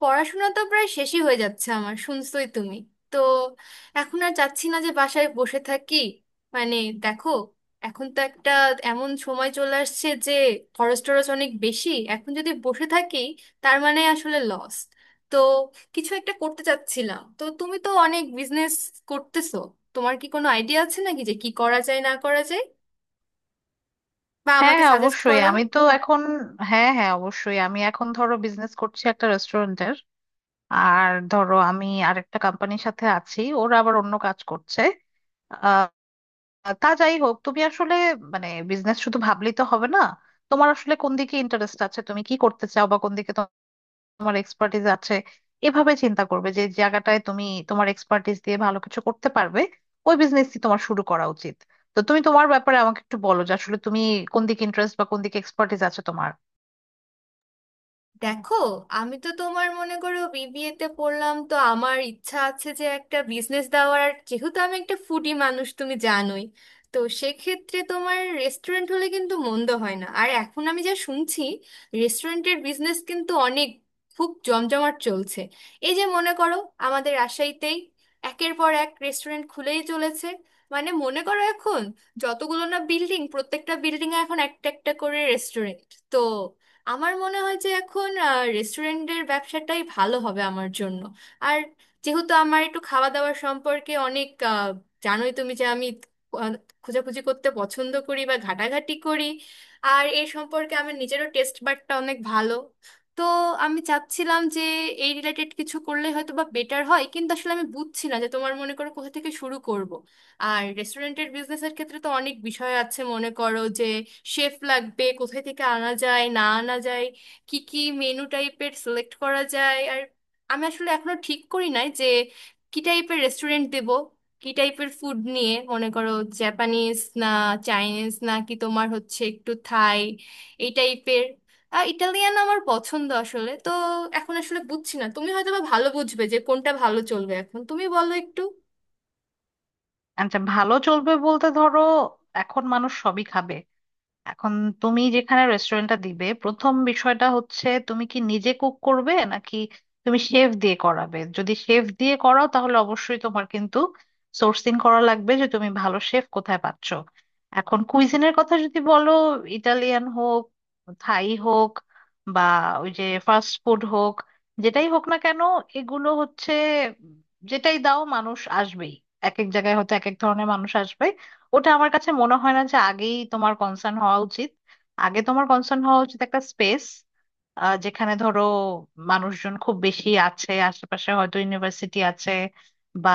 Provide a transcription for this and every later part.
পড়াশোনা তো প্রায় শেষই হয়ে যাচ্ছে আমার, শুনছোই তুমি তো। এখন আর চাচ্ছি না যে বাসায় বসে থাকি। মানে দেখো, এখন তো একটা এমন সময় চলে আসছে যে খরচ টরচ অনেক বেশি, এখন যদি বসে থাকি তার মানে আসলে লস। তো কিছু একটা করতে চাচ্ছিলাম, তো তুমি তো অনেক বিজনেস করতেছো, তোমার কি কোনো আইডিয়া আছে নাকি যে কি করা যায় না করা যায়, বা হ্যাঁ আমাকে হ্যাঁ সাজেস্ট অবশ্যই করো। আমি এখন ধরো বিজনেস করছি একটা রেস্টুরেন্টের, আর ধরো আমি আরেকটা কোম্পানির সাথে আছি, ওরা আবার অন্য কাজ করছে। আহ, তা যাই হোক, তুমি আসলে মানে বিজনেস শুধু ভাবলেই তো হবে না। তোমার আসলে কোন দিকে ইন্টারেস্ট আছে, তুমি কি করতে চাও, বা কোন দিকে তোমার এক্সপার্টিস আছে, এভাবে চিন্তা করবে। যে জায়গাটায় তুমি তোমার এক্সপার্টিস দিয়ে ভালো কিছু করতে পারবে, ওই বিজনেসই তোমার শুরু করা উচিত। তো তুমি তোমার ব্যাপারে আমাকে একটু বলো যে আসলে তুমি কোন দিকে ইন্টারেস্ট বা কোন দিকে এক্সপার্টিস আছে তোমার। দেখো, আমি তো তোমার মনে করো বিবিএ তে পড়লাম, তো আমার ইচ্ছা আছে যে একটা বিজনেস দেওয়ার, আর যেহেতু আমি একটা ফুডি মানুষ তুমি জানোই, তো সেক্ষেত্রে তোমার রেস্টুরেন্ট হলে কিন্তু মন্দ হয় না। আর এখন আমি যা শুনছি, রেস্টুরেন্টের বিজনেস কিন্তু অনেক খুব জমজমাট চলছে। এই যে মনে করো আমাদের রাজশাহীতেই একের পর এক রেস্টুরেন্ট খুলেই চলেছে। মানে মনে করো এখন যতগুলো না বিল্ডিং, প্রত্যেকটা বিল্ডিংয়ে এখন একটা একটা করে রেস্টুরেন্ট। তো আমার মনে হয় যে এখন রেস্টুরেন্টের ব্যবসাটাই ভালো হবে আমার জন্য। আর যেহেতু আমার একটু খাওয়া দাওয়ার সম্পর্কে অনেক জানোই তুমি যে আমি আহ, খোঁজাখুঁজি করতে পছন্দ করি বা ঘাটাঘাটি করি, আর এই সম্পর্কে আমার নিজেরও টেস্ট বাডটা অনেক ভালো। তো আমি চাচ্ছিলাম যে এই রিলেটেড কিছু করলে হয়তো বা বেটার হয়, কিন্তু আসলে আমি বুঝছি না যে তোমার মনে করো কোথা থেকে শুরু করব। আর রেস্টুরেন্টের বিজনেসের ক্ষেত্রে তো অনেক বিষয় আছে, মনে করো যে শেফ লাগবে, কোথায় থেকে আনা যায় না আনা যায়, কি কি মেনু টাইপের সিলেক্ট করা যায়। আর আমি আসলে এখনো ঠিক করি নাই যে কি টাইপের রেস্টুরেন্ট দেব, কি টাইপের ফুড নিয়ে মনে করো জাপানিজ না চাইনিজ না কি তোমার হচ্ছে একটু থাই এই টাইপের। ইটালিয়ান আমার পছন্দ আসলে, তো এখন আসলে বুঝছি না, তুমি হয়তো বা ভালো বুঝবে যে কোনটা ভালো চলবে, এখন তুমি বলো একটু। আচ্ছা, ভালো চলবে বলতে ধরো এখন মানুষ সবই খাবে। এখন তুমি যেখানে রেস্টুরেন্টটা দিবে, প্রথম বিষয়টা হচ্ছে তুমি কি নিজে কুক করবে নাকি তুমি শেফ দিয়ে করাবে। যদি শেফ দিয়ে করাও তাহলে অবশ্যই তোমার কিন্তু সোর্সিং করা লাগবে যে তুমি ভালো শেফ কোথায় পাচ্ছ। এখন কুইজিনের কথা যদি বলো, ইটালিয়ান হোক, থাই হোক, বা ওই যে ফাস্ট ফুড হোক, যেটাই হোক না কেন, এগুলো হচ্ছে, যেটাই দাও মানুষ আসবেই। এক এক জায়গায় হয়তো এক এক ধরনের মানুষ আসবে। ওটা আমার কাছে মনে হয় না যে আগেই তোমার কনসার্ন হওয়া উচিত। আগে তোমার কনসার্ন হওয়া উচিত একটা স্পেস, যেখানে ধরো মানুষজন খুব বেশি আছে, আশেপাশে হয়তো ইউনিভার্সিটি আছে বা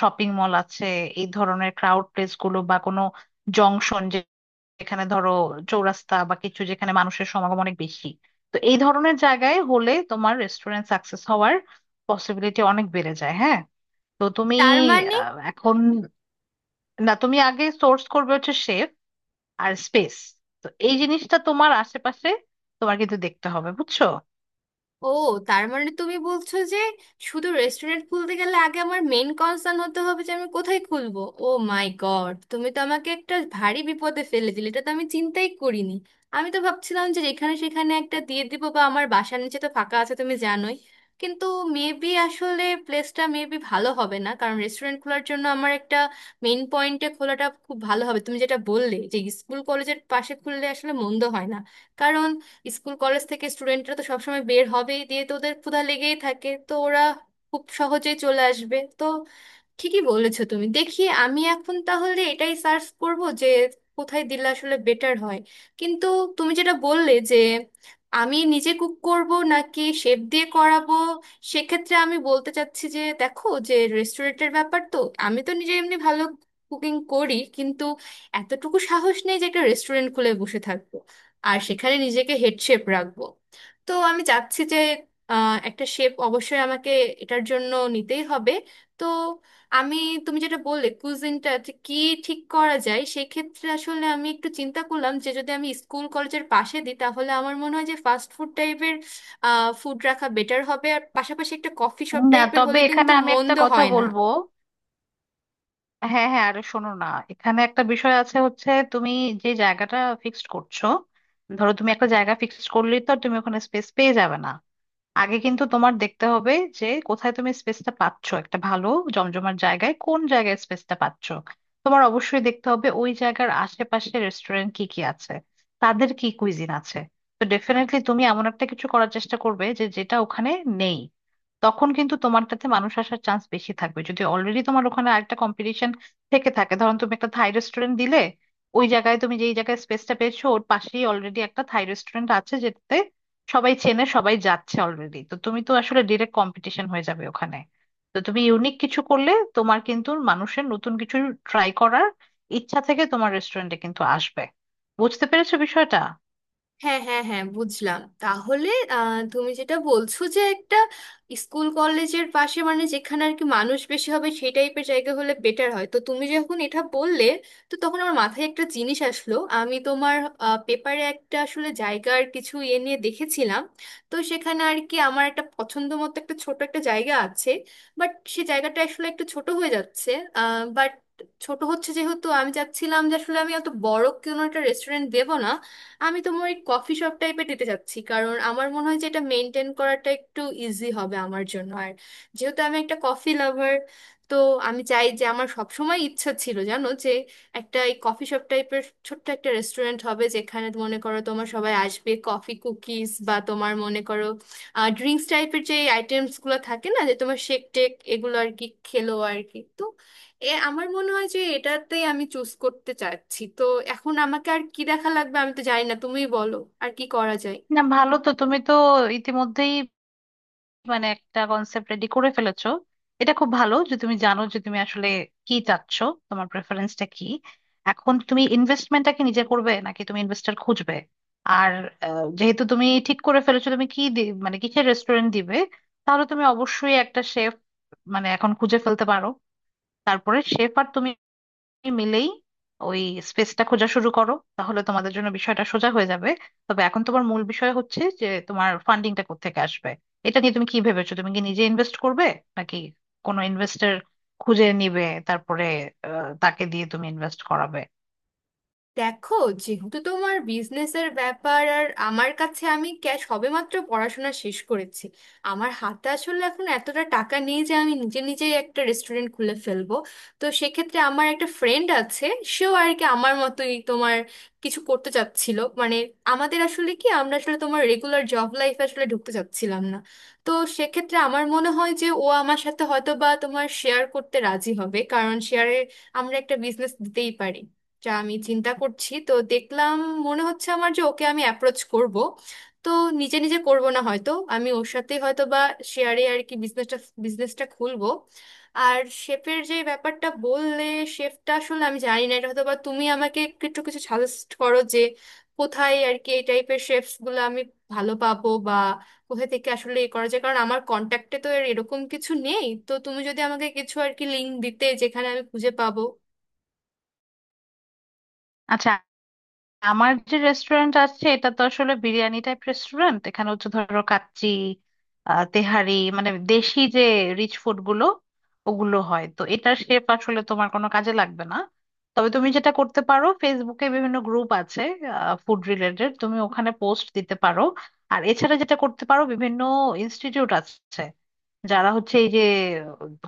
শপিং মল আছে, এই ধরনের ক্রাউড প্লেস গুলো, বা কোনো জংশন, যেখানে ধরো চৌরাস্তা বা কিছু, যেখানে মানুষের সমাগম অনেক বেশি। তো এই ধরনের জায়গায় হলে তোমার রেস্টুরেন্ট সাকসেস হওয়ার পসিবিলিটি অনেক বেড়ে যায়, হ্যাঁ। তো তুমি তার মানে এখন, না তুমি আগে সোর্স করবে হচ্ছে শেফ আর স্পেস। তো এই জিনিসটা তোমার আশেপাশে তোমার কিন্তু দেখতে হবে, বুঝছো? ও, তার মানে তুমি বলছো যে শুধু রেস্টুরেন্ট খুলতে গেলে আগে আমার মেন কনসার্ন হতে হবে যে আমি কোথায় খুলবো। ও মাই গড, তুমি তো আমাকে একটা ভারী বিপদে ফেলে দিলে, এটা তো আমি চিন্তাই করিনি। আমি তো ভাবছিলাম যে যেখানে সেখানে একটা দিয়ে দিব, বা আমার বাসার নিচে তো ফাঁকা আছে তুমি জানোই, কিন্তু মেবি আসলে প্লেসটা মেবি ভালো হবে না। কারণ রেস্টুরেন্ট খোলার জন্য আমার একটা মেইন পয়েন্টে খোলাটা খুব ভালো হবে। তুমি যেটা বললে যে স্কুল কলেজের পাশে খুললে আসলে মন্দ হয় না, কারণ স্কুল কলেজ থেকে স্টুডেন্টরা তো সবসময় বের হবেই, দিয়ে তো ওদের ক্ষুধা লেগেই থাকে, তো ওরা খুব সহজেই চলে আসবে। তো ঠিকই বলেছো তুমি, দেখি আমি এখন তাহলে এটাই সার্চ করব যে কোথায় দিলে আসলে বেটার হয়। কিন্তু তুমি যেটা বললে যে আমি নিজে কুক করব নাকি শেফ দিয়ে করাবো, সেক্ষেত্রে আমি বলতে চাচ্ছি যে দেখো, যে রেস্টুরেন্টের ব্যাপার তো, আমি তো নিজে এমনি ভালো কুকিং করি, কিন্তু এতটুকু সাহস নেই যে একটা রেস্টুরেন্ট খুলে বসে থাকবো আর সেখানে নিজেকে হেড শেফ রাখবো। তো আমি চাচ্ছি যে একটা শেফ অবশ্যই আমাকে এটার জন্য নিতেই হবে। তো আমি তুমি যেটা বললে কুজিনটা যে কি ঠিক করা যায়, সেক্ষেত্রে আসলে আমি একটু চিন্তা করলাম যে যদি আমি স্কুল কলেজের পাশে দিই তাহলে আমার মনে হয় যে ফাস্ট ফুড টাইপের ফুড রাখা বেটার হবে, আর পাশাপাশি একটা কফি শপ না টাইপের তবে হলে এখানে কিন্তু আমি একটা মন্দ কথা হয় না। বলবো। হ্যাঁ হ্যাঁ, আরে শোনো না, এখানে একটা বিষয় আছে হচ্ছে তুমি যে জায়গাটা ফিক্সড করছো, ধরো তুমি একটা জায়গা ফিক্সড করলেই তো আর তুমি ওখানে স্পেস পেয়ে যাবে না। আগে কিন্তু তোমার দেখতে হবে যে কোথায় তুমি স্পেসটা পাচ্ছ, একটা ভালো জমজমার জায়গায় কোন জায়গায় স্পেসটা পাচ্ছ। তোমার অবশ্যই দেখতে হবে ওই জায়গার আশেপাশে রেস্টুরেন্ট কি কি আছে, তাদের কি কুইজিন আছে। তো ডেফিনেটলি তুমি এমন একটা কিছু করার চেষ্টা করবে যে যেটা ওখানে নেই। তখন কিন্তু তোমারটাতে মানুষ আসার চান্স বেশি থাকবে। যদি অলরেডি তোমার ওখানে আরেকটা কম্পিটিশন থেকে থাকে, ধরুন তুমি একটা থাই রেস্টুরেন্ট দিলে, ওই জায়গায় তুমি যেই জায়গায় স্পেসটা পেয়েছো ওর পাশেই অলরেডি একটা থাই রেস্টুরেন্ট আছে যেটাতে সবাই চেনে, সবাই যাচ্ছে অলরেডি, তো তুমি তো আসলে ডিরেক্ট কম্পিটিশন হয়ে যাবে ওখানে। তো তুমি ইউনিক কিছু করলে তোমার কিন্তু মানুষের নতুন কিছু ট্রাই করার ইচ্ছা থেকে তোমার রেস্টুরেন্টে কিন্তু আসবে। বুঝতে পেরেছো বিষয়টা? হ্যাঁ, হ্যাঁ, হ্যাঁ, বুঝলাম তাহলে। তুমি যেটা বলছো যে একটা স্কুল কলেজের পাশে, মানে যেখানে আর কি মানুষ বেশি হবে সেই টাইপের জায়গা হলে বেটার হয়, তো তুমি যখন এটা বললে তো তখন আমার মাথায় একটা জিনিস আসলো। আমি তোমার পেপারে একটা আসলে জায়গার কিছু ইয়ে নিয়ে দেখেছিলাম, তো সেখানে আর কি আমার একটা পছন্দ মতো একটা ছোট একটা জায়গা আছে, বাট সে জায়গাটা আসলে একটু ছোট হয়ে যাচ্ছে। বাট ছোট হচ্ছে, যেহেতু আমি চাচ্ছিলাম যে আসলে আমি অত বড় কোনো একটা রেস্টুরেন্ট দেবো না, আমি তোমার ওই কফি শপ টাইপের দিতে চাচ্ছি, কারণ আমার মনে হয় যে এটা মেনটেন করাটা একটু ইজি হবে আমার জন্য। আর যেহেতু আমি একটা কফি লাভার, তো আমি চাই যে, আমার সবসময় ইচ্ছা ছিল জানো যে একটা এই কফি শপ টাইপের ছোট্ট একটা রেস্টুরেন্ট হবে যেখানে মনে করো তোমার সবাই আসবে, কফি কুকিজ বা তোমার মনে করো ড্রিঙ্কস টাইপের যে আইটেমসগুলো থাকে না, যে তোমার শেক টেক এগুলো আর কি খেলো আর কি। তো এ আমার মনে হয় যে এটাতেই আমি চুজ করতে চাচ্ছি। তো এখন আমাকে আর কি দেখা লাগবে আমি তো জানি না, তুমিই বলো আর কি করা যায়। না ভালো, তো তুমি তো ইতিমধ্যেই মানে একটা কনসেপ্ট রেডি করে ফেলেছো। এটা খুব ভালো যে তুমি জানো যে তুমি আসলে কি চাচ্ছ, তোমার প্রেফারেন্সটা কি। এখন তুমি ইনভেস্টমেন্টটা কি নিজে করবে নাকি তুমি ইনভেস্টর খুঁজবে। আর যেহেতু তুমি ঠিক করে ফেলেছো তুমি মানে কিসের রেস্টুরেন্ট দিবে, তাহলে তুমি অবশ্যই একটা শেফ মানে এখন খুঁজে ফেলতে পারো। তারপরে শেফ আর তুমি মিলেই ওই স্পেসটা খোঁজা শুরু করো, তাহলে তোমাদের জন্য বিষয়টা সোজা হয়ে যাবে। তবে এখন তোমার মূল বিষয় হচ্ছে যে তোমার ফান্ডিংটা কোত্থেকে আসবে। এটা নিয়ে তুমি কি ভেবেছো? তুমি কি নিজে ইনভেস্ট করবে নাকি কোনো ইনভেস্টর খুঁজে নিবে, তারপরে তাকে দিয়ে তুমি ইনভেস্ট করাবে। দেখো, যেহেতু তোমার বিজনেসের ব্যাপার আর আমার কাছে আমি ক্যাশ, সবেমাত্র পড়াশোনা শেষ করেছি, আমার হাতে আসলে এখন এতটা টাকা নেই যে আমি নিজে নিজেই একটা রেস্টুরেন্ট খুলে ফেলবো। তো সেক্ষেত্রে আমার একটা ফ্রেন্ড আছে, সেও আর কি আমার মতোই তোমার কিছু করতে চাচ্ছিল। মানে আমাদের আসলে কি, আমরা আসলে তোমার রেগুলার জব লাইফ আসলে ঢুকতে চাচ্ছিলাম না। তো সেক্ষেত্রে আমার মনে হয় যে ও আমার সাথে হয়তো বা তোমার শেয়ার করতে রাজি হবে, কারণ শেয়ারে আমরা একটা বিজনেস দিতেই পারি, যা আমি চিন্তা করছি। তো দেখলাম, মনে হচ্ছে আমার যে ওকে আমি অ্যাপ্রোচ করব, তো নিজে নিজে করব না, হয়তো আমি ওর সাথে হয়তো বা শেয়ারে আর কি বিজনেসটা বিজনেসটা খুলবো। আর শেফের যে ব্যাপারটা বললে, শেফটা আসলে আমি জানি না, এটা হয়তো বা তুমি আমাকে একটু কিছু সাজেস্ট করো যে কোথায় আর কি এই টাইপের শেফস গুলো আমি ভালো পাবো, বা কোথা থেকে আসলে এ করা যায়, কারণ আমার কন্ট্যাক্টে তো এরকম কিছু নেই। তো তুমি যদি আমাকে কিছু আর কি লিঙ্ক দিতে যেখানে আমি খুঁজে পাবো। আচ্ছা, আমার যে রেস্টুরেন্ট আছে এটা তো আসলে বিরিয়ানি টাইপ রেস্টুরেন্ট, এখানে হচ্ছে ধরো কাচ্চি, তেহারি, মানে দেশি যে রিচ ফুড গুলো, ওগুলো হয়, তো এটার শেপ আসলে তোমার কোনো কাজে লাগবে না। তবে তুমি যেটা করতে পারো, ফেসবুকে বিভিন্ন গ্রুপ আছে ফুড রিলেটেড, তুমি ওখানে পোস্ট দিতে পারো। আর এছাড়া যেটা করতে পারো, বিভিন্ন ইনস্টিটিউট আছে যারা হচ্ছে এই যে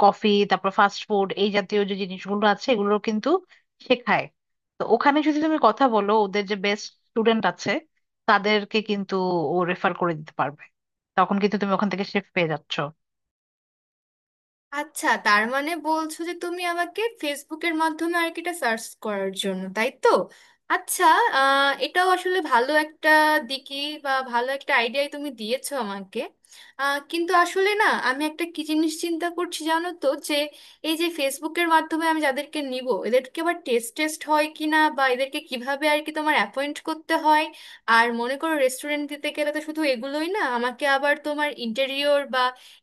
কফি, তারপর ফাস্ট ফুড, এই জাতীয় যে জিনিসগুলো আছে এগুলো কিন্তু শেখায়। তো ওখানে যদি তুমি কথা বলো, ওদের যে বেস্ট স্টুডেন্ট আছে তাদেরকে কিন্তু ও রেফার করে দিতে পারবে। তখন কিন্তু তুমি ওখান থেকে শেফ পেয়ে যাচ্ছ। আচ্ছা, তার মানে বলছো যে তুমি আমাকে ফেসবুকের মাধ্যমে আর কি এটা সার্চ করার জন্য, তাই তো? আচ্ছা, এটাও আসলে ভালো একটা দিকই, বা ভালো একটা আইডিয়াই তুমি দিয়েছো আমাকে। কিন্তু আসলে না, আমি একটা কি জিনিস চিন্তা করছি জানো তো যে এই যে ফেসবুকের মাধ্যমে আমি যাদেরকে নিব, এদেরকে আবার টেস্ট টেস্ট হয় কি না, বা এদেরকে কিভাবে আর কি তোমার অ্যাপয়েন্ট করতে হয়। আর মনে করো রেস্টুরেন্ট দিতে গেলে তো শুধু এগুলোই না, আমাকে আবার তোমার ইন্টেরিয়র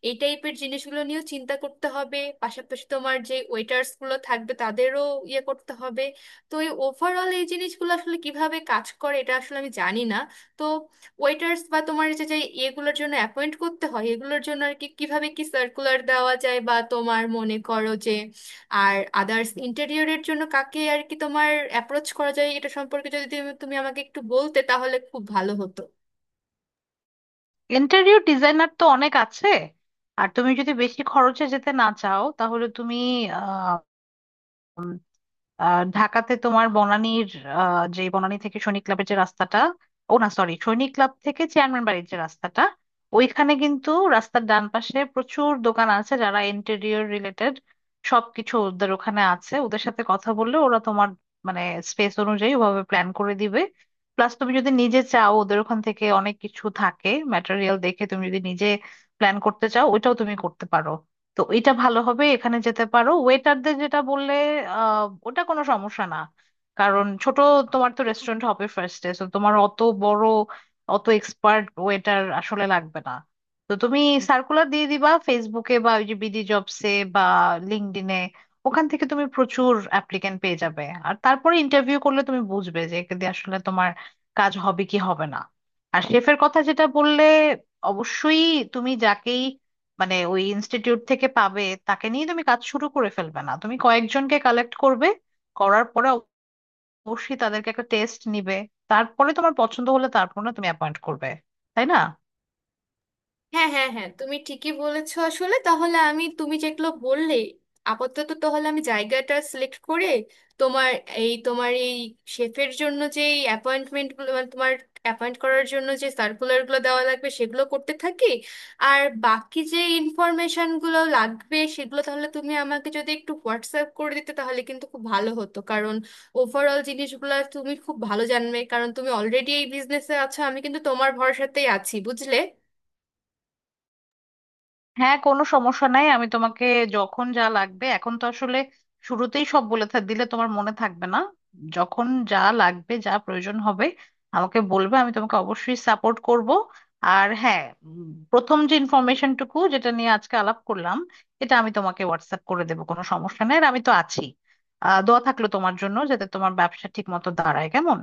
এই টাইপের জিনিসগুলো নিয়েও চিন্তা করতে হবে, পাশাপাশি তোমার যে ওয়েটার্স গুলো থাকবে তাদেরও ইয়ে করতে হবে। তো এই ওভারঅল এই জিনিসগুলো আসলে কিভাবে কাজ করে এটা আসলে আমি জানি না। তো ওয়েটার্স বা তোমার যে যে এগুলোর জন্য অ্যাপয়েন্ট করতে হয় এগুলোর জন্য আর কি কিভাবে কি সার্কুলার দেওয়া যায়, বা তোমার মনে করো যে আর আদার্স ইন্টেরিয়রের জন্য কাকে আর কি তোমার অ্যাপ্রোচ করা যায়, এটা সম্পর্কে যদি তুমি তুমি আমাকে একটু বলতে তাহলে খুব ভালো হতো। ইন্টেরিয়র ডিজাইনার তো অনেক আছে। আর তুমি যদি বেশি খরচে যেতে না চাও, তাহলে তুমি ঢাকাতে তোমার বনানীর যে বনানী থেকে সৈনিক ক্লাবের যে রাস্তাটা, ও না সরি, সৈনিক ক্লাব থেকে চেয়ারম্যান বাড়ির যে রাস্তাটা, ওইখানে কিন্তু রাস্তার ডান পাশে প্রচুর দোকান আছে যারা ইন্টেরিয়র রিলেটেড সবকিছু ওদের ওখানে আছে। ওদের সাথে কথা বললে ওরা তোমার মানে স্পেস অনুযায়ী ওভাবে প্ল্যান করে দিবে। প্লাস তুমি যদি নিজে চাও, ওদের ওখান থেকে অনেক কিছু থাকে ম্যাটেরিয়াল, দেখে তুমি যদি নিজে প্ল্যান করতে চাও, ওইটাও তুমি করতে পারো। তো এটা ভালো হবে, এখানে যেতে পারো। ওয়েটারদের যেটা বললে, ওটা কোনো সমস্যা না। কারণ ছোট তোমার তো রেস্টুরেন্ট হবে ফার্স্টে, তো তোমার অত বড় অত এক্সপার্ট ওয়েটার আসলে লাগবে না। তো তুমি সার্কুলার দিয়ে দিবা ফেসবুকে বা ওই যে বিডি জবসে বা লিঙ্কডইনে, ওখান থেকে তুমি প্রচুর অ্যাপ্লিক্যান্ট পেয়ে যাবে। আর তারপরে ইন্টারভিউ করলে তুমি বুঝবে যে একে দিয়ে আসলে তোমার কাজ হবে কি হবে না। আর শেফের কথা যেটা বললে, অবশ্যই তুমি যাকেই মানে ওই ইনস্টিটিউট থেকে পাবে তাকে নিয়ে তুমি কাজ শুরু করে ফেলবে না, তুমি কয়েকজনকে কালেক্ট করবে। করার পরে অবশ্যই তাদেরকে একটা টেস্ট নিবে, তারপরে তোমার পছন্দ হলে তারপর না তুমি অ্যাপয়েন্ট করবে, তাই না? হ্যাঁ, হ্যাঁ, হ্যাঁ, তুমি ঠিকই বলেছো আসলে। তাহলে আমি তুমি যেগুলো বললে, আপাতত তাহলে আমি জায়গাটা সিলেক্ট করে, তোমার তোমার এই শেফের জন্য যে অ্যাপয়েন্টমেন্ট গুলো, মানে তোমার অ্যাপয়েন্ট করার জন্য যে সার্কুলারগুলো দেওয়া লাগবে সেগুলো করতে থাকি। আর বাকি যে ইনফরমেশনগুলো লাগবে সেগুলো তাহলে তুমি আমাকে যদি একটু হোয়াটসঅ্যাপ করে দিতে তাহলে কিন্তু খুব ভালো হতো, কারণ ওভারঅল জিনিসগুলো তুমি খুব ভালো জানবে, কারণ তুমি অলরেডি এই বিজনেসে আছো। আমি কিন্তু তোমার ভরসাতেই আছি, বুঝলে। হ্যাঁ, কোনো সমস্যা নাই, আমি তোমাকে যখন যা লাগবে, এখন তো আসলে শুরুতেই সব দিলে তোমার মনে থাকবে না। যখন যা লাগবে, যা প্রয়োজন হবে আমাকে বলবে, আমি তোমাকে অবশ্যই সাপোর্ট করব। আর হ্যাঁ, প্রথম যে ইনফরমেশনটুকু যেটা নিয়ে আজকে আলাপ করলাম, এটা আমি তোমাকে হোয়াটসঅ্যাপ করে দেবো, কোনো সমস্যা নেই। আর আমি তো আছি। দোয়া থাকলো তোমার জন্য যাতে তোমার ব্যবসা ঠিক মতো দাঁড়ায়, কেমন।